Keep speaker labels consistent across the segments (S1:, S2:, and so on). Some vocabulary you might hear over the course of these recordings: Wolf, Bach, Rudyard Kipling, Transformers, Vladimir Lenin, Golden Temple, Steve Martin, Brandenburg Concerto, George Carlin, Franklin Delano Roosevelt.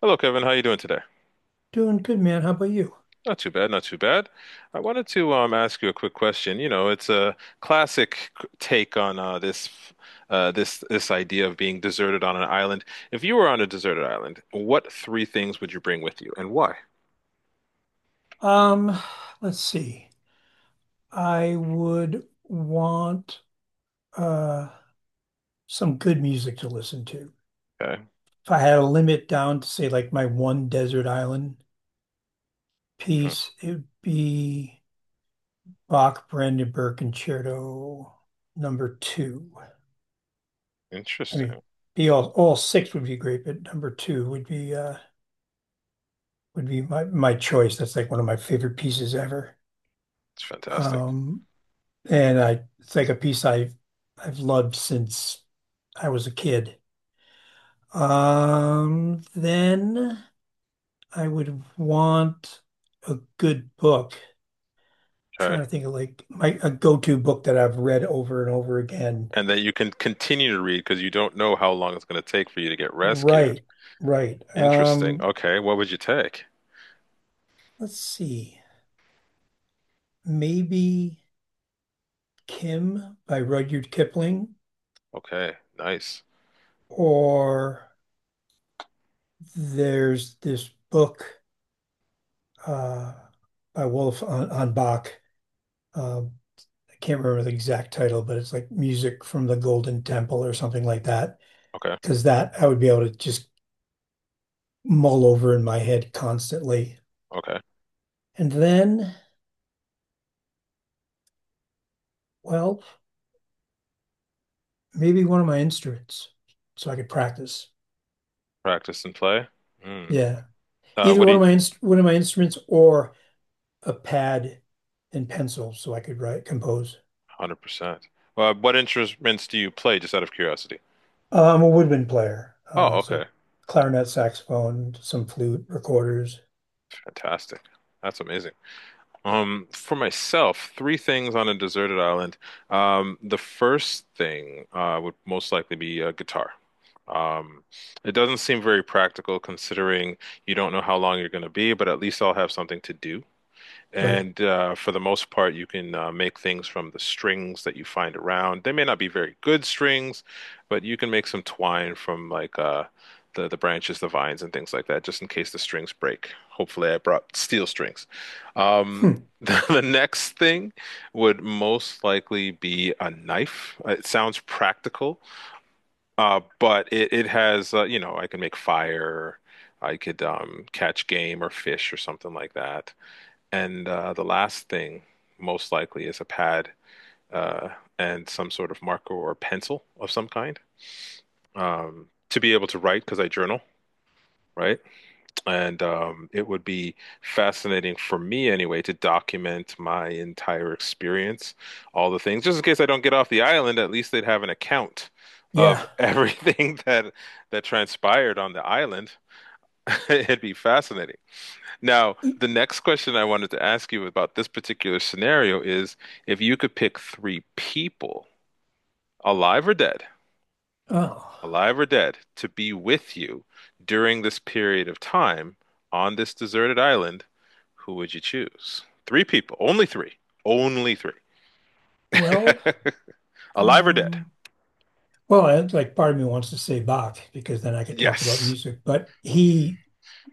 S1: Hello, Kevin. How you doing today?
S2: Doing good, man. How about you?
S1: Not too bad, not too bad. I wanted to ask you a quick question. You know, it's a classic take on this this idea of being deserted on an island. If you were on a deserted island, what three things would you bring with you, and why?
S2: Um, let's see. I would want uh some good music to listen to.
S1: Okay.
S2: If I had a limit down to say like my one desert island
S1: Mhm.
S2: piece, it would be Bach Brandenburg Concerto number two. I mean,
S1: Interesting.
S2: be all six would be great, but number two would be my choice. That's like one of my favorite pieces ever.
S1: It's fantastic.
S2: Um, and I it's like a piece I've loved since I was a kid. Then I would want a good book. Trying
S1: Okay,
S2: to think of like my a go-to book that I've read over and over again.
S1: and that you can continue to read because you don't know how long it's going to take for you to get rescued.
S2: Right, right.
S1: Interesting. Okay, what would you take?
S2: Let's see. Maybe Kim by Rudyard Kipling,
S1: Okay, nice.
S2: or there's this book uh by Wolf on Bach. Uh, I can't remember the exact title, but it's like music from the Golden Temple or something like that.
S1: Okay.
S2: Because that I would be able to just mull over in my head constantly.
S1: Okay.
S2: And then, well, maybe one of my instruments, so I could practice.
S1: Practice and play. Mm.
S2: Yeah, either
S1: What do
S2: one of
S1: you?
S2: one of my instruments or a pad and pencil, so I could write compose.
S1: 100%. What instruments do you play, just out of curiosity?
S2: I'm a woodwind player,
S1: Oh, okay.
S2: so clarinet, saxophone, some flute, recorders.
S1: Fantastic. That's amazing. For myself, three things on a deserted island. The first thing would most likely be a guitar. Um, it doesn't seem very practical considering you don't know how long you're going to be, but at least I'll have something to do.
S2: Right.
S1: And for the most part, you can make things from the strings that you find around. They may not be very good strings, but you can make some twine from the branches, the vines, and things like that, just in case the strings break. Hopefully, I brought steel strings. Um,
S2: Hmm.
S1: the next thing would most likely be a knife. It sounds practical, but it has you know, I can make fire. I could catch game or fish or something like that. And the last thing, most likely, is a pad uh, and some sort of marker or pencil of some kind, to be able to write because I journal, right? And it would be fascinating for me anyway to document my entire experience, all the things, just in case I don't get off the island. At least they'd have an account
S2: Yeah.
S1: of everything that transpired on the island. It'd be fascinating. Now, the next question I wanted to ask you about this particular scenario is if you could pick three people, alive or dead,
S2: Oh,
S1: alive or dead, to be with you during this period of time on this deserted island, who would you choose? Three people, only three, only three.
S2: well,
S1: Alive or dead?
S2: um, well, like part of me wants to say Bach because then I could talk about
S1: Yes.
S2: music, but he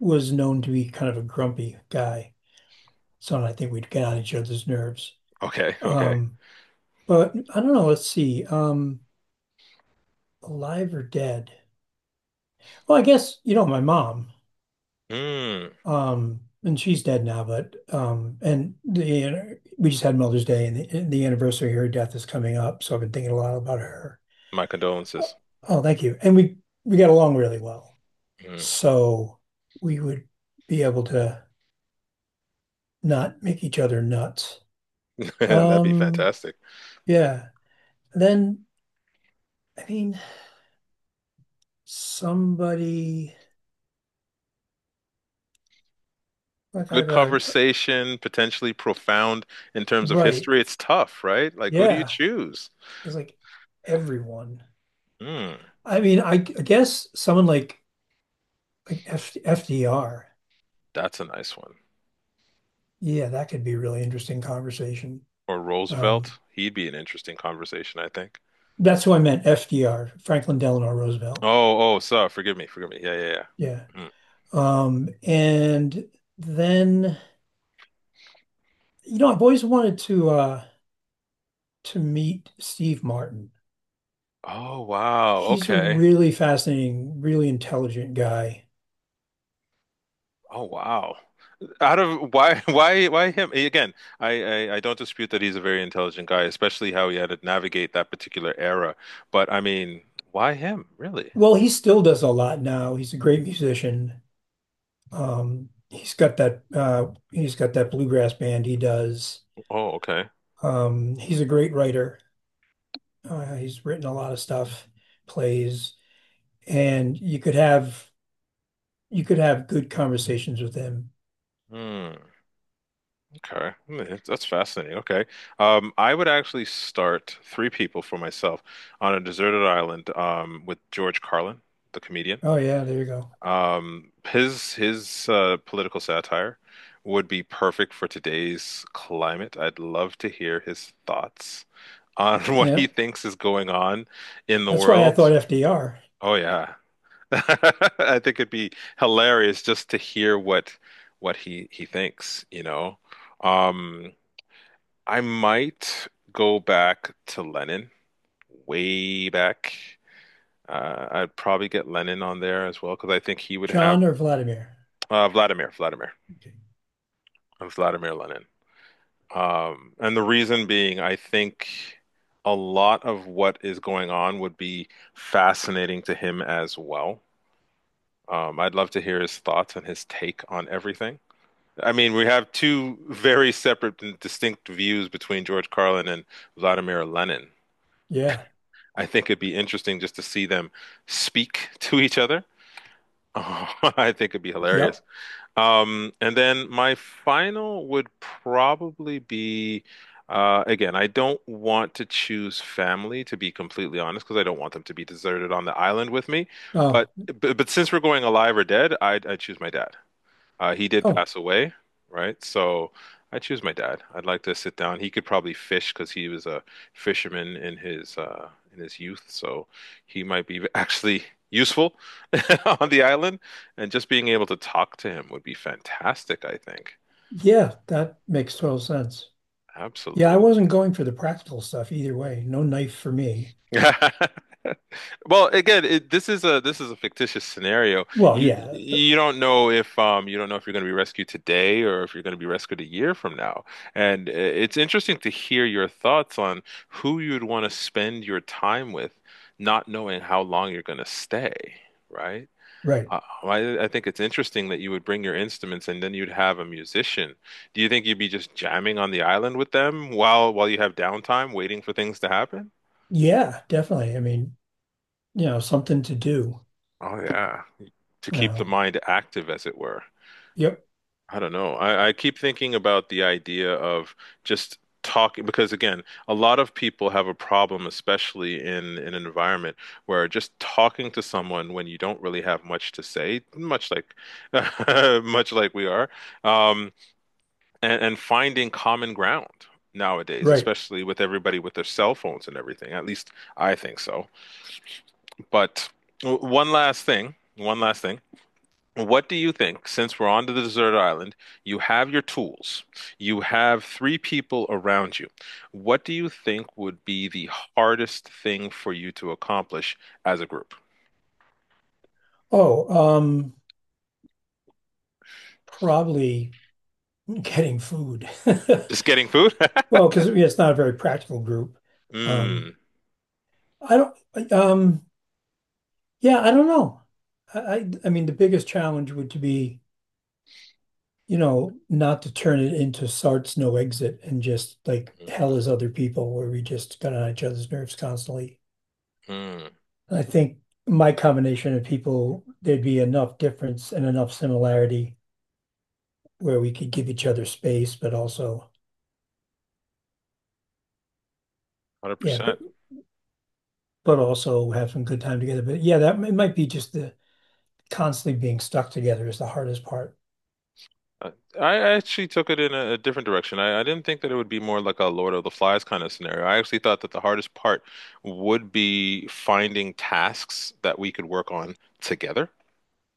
S2: was known to be kind of a grumpy guy. So I think we'd get on each other's nerves.
S1: Okay, okay.
S2: Um, but I don't know, let's see. Alive or dead? Well, I guess, you know, my mom,
S1: Mm,
S2: and she's dead now, but and the we just had Mother's Day and the anniversary of her death is coming up, so I've been thinking a lot about her.
S1: my
S2: Oh,
S1: condolences.
S2: oh, thank you. And we got along really well.
S1: Mm.
S2: So we would be able to not make each other nuts.
S1: That'd be
S2: Um,
S1: fantastic.
S2: yeah. Then I mean, somebody like I
S1: Good
S2: have a
S1: conversation, potentially profound in terms of
S2: Right.
S1: history. It's tough, right? Like, who do you
S2: Yeah,
S1: choose?
S2: it's like everyone.
S1: Hmm,
S2: I mean, I guess someone like FDR.
S1: that's a nice one.
S2: Yeah, that could be a really interesting conversation.
S1: Or
S2: Um,
S1: Roosevelt. He'd be an interesting conversation, I think.
S2: that's who I meant, FDR, Franklin Delano Roosevelt.
S1: Oh, oh, sorry. Forgive me. Forgive me. Yeah, yeah, yeah.
S2: Yeah.
S1: Hmm.
S2: And then You know, I've always wanted to meet Steve Martin.
S1: Oh, wow.
S2: He's a
S1: Okay.
S2: really fascinating, really intelligent guy.
S1: Oh, wow. Out of why, why him? Again, I don't dispute that he's a very intelligent guy, especially how he had to navigate that particular era. But I mean, why him, really?
S2: Well, he still does a lot now. He's a great musician. Um, he's got that bluegrass band he does.
S1: Oh, okay.
S2: He's a great writer. He's written a lot of stuff, plays, and you could have good conversations with him.
S1: Hmm. Okay. Hmm, that's fascinating. Okay, I would actually start three people for myself on a deserted island with George Carlin, the comedian.
S2: Oh yeah, there you go.
S1: His political satire would be perfect for today's climate. I'd love to hear his thoughts on what he
S2: Yeah.
S1: thinks is going on in the
S2: That's why I
S1: world.
S2: thought FDR.
S1: Oh yeah, I think it'd be hilarious just to hear what he thinks, you know. Um, I might go back to Lennon, way back. I'd probably get Lennon on there as well because I think he would have
S2: John or Vladimir?
S1: uh, Vladimir, Vladimir,
S2: Okay.
S1: Vladimir Lenin. And the reason being, I think a lot of what is going on would be fascinating to him as well. I'd love to hear his thoughts and his take on everything. I mean, we have two very separate and distinct views between George Carlin and Vladimir Lenin.
S2: Yeah.
S1: I think it'd be interesting just to see them speak to each other. Oh, I think it'd be hilarious.
S2: Yep.
S1: And then my final would probably be again, I don't want to choose family to be completely honest because I don't want them to be deserted on the island with me.
S2: Oh,
S1: But but since we're going alive or dead, I choose my dad. He did
S2: oh,
S1: pass away, right? So I choose my dad. I'd like to sit down. He could probably fish because he was a fisherman in his youth, so he might be actually useful on the island. And just being able to talk to him would be fantastic, I think.
S2: yeah, that makes total sense. Yeah, I
S1: Absolutely.
S2: wasn't going for the practical stuff either way. No knife for me.
S1: Well, again, this is a fictitious scenario.
S2: Well,
S1: You
S2: yeah,
S1: you don't know if you don't know if you're going to be rescued today or if you're going to be rescued a year from now. And it's interesting to hear your thoughts on who you'd want to spend your time with, not knowing how long you're going to stay, right?
S2: right.
S1: I think it's interesting that you would bring your instruments and then you'd have a musician. Do you think you'd be just jamming on the island with them while you have downtime, waiting for things to happen?
S2: Yeah, definitely. I mean, you know, something to do,
S1: Oh yeah. To
S2: you
S1: keep the
S2: know.
S1: mind active, as it were.
S2: Yep,
S1: I don't know. I keep thinking about the idea of just talking because again, a lot of people have a problem, especially in an environment where just talking to someone when you don't really have much to say, much like much like we are, um, and finding common ground nowadays,
S2: right.
S1: especially with everybody with their cell phones and everything. At least I think so. But one last thing, one last thing. What do you think, since we're on to the desert island, you have your tools, you have three people around you. What do you think would be the hardest thing for you to accomplish as a group?
S2: Oh, probably getting food.
S1: Just getting food?
S2: Well, because it's not a very practical group. Um,
S1: Mm,
S2: I don't, yeah, I don't know. I mean, the biggest challenge would to be, you know, not to turn it into Sartre's no exit and just like hell
S1: mm,
S2: is other people where we just got on each other's nerves constantly.
S1: mm,
S2: And I think my combination of people, there'd be enough difference and enough similarity where we could give each other space, but also, yeah, but
S1: 100%.
S2: but also have some good time together. But yeah, that it might be just the constantly being stuck together is the hardest part.
S1: Uh, I actually took it in a different direction. I didn't think that it would be more like a Lord of the Flies kind of scenario. I actually thought that the hardest part would be finding tasks that we could work on together.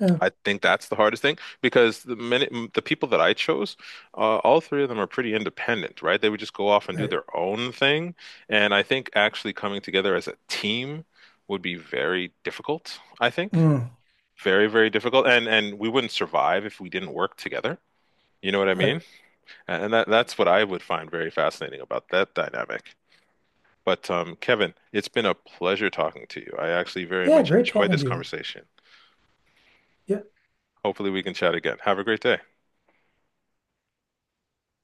S2: Yeah,
S1: I think that's the hardest thing because the minute the people that I chose, all three of them are pretty independent, right? They would just go off and do
S2: right.
S1: their own thing. And I think actually coming together as a team would be very difficult, I think.
S2: Mm,
S1: Very, very difficult. And we wouldn't survive if we didn't work together. You know what I
S2: right.
S1: mean? And that's what I would find very fascinating about that dynamic. But Kevin, it's been a pleasure talking to you. I actually very
S2: Yeah,
S1: much
S2: great
S1: enjoyed
S2: talking
S1: this
S2: to you.
S1: conversation.
S2: Yeah.
S1: Hopefully we can chat again. Have a great day.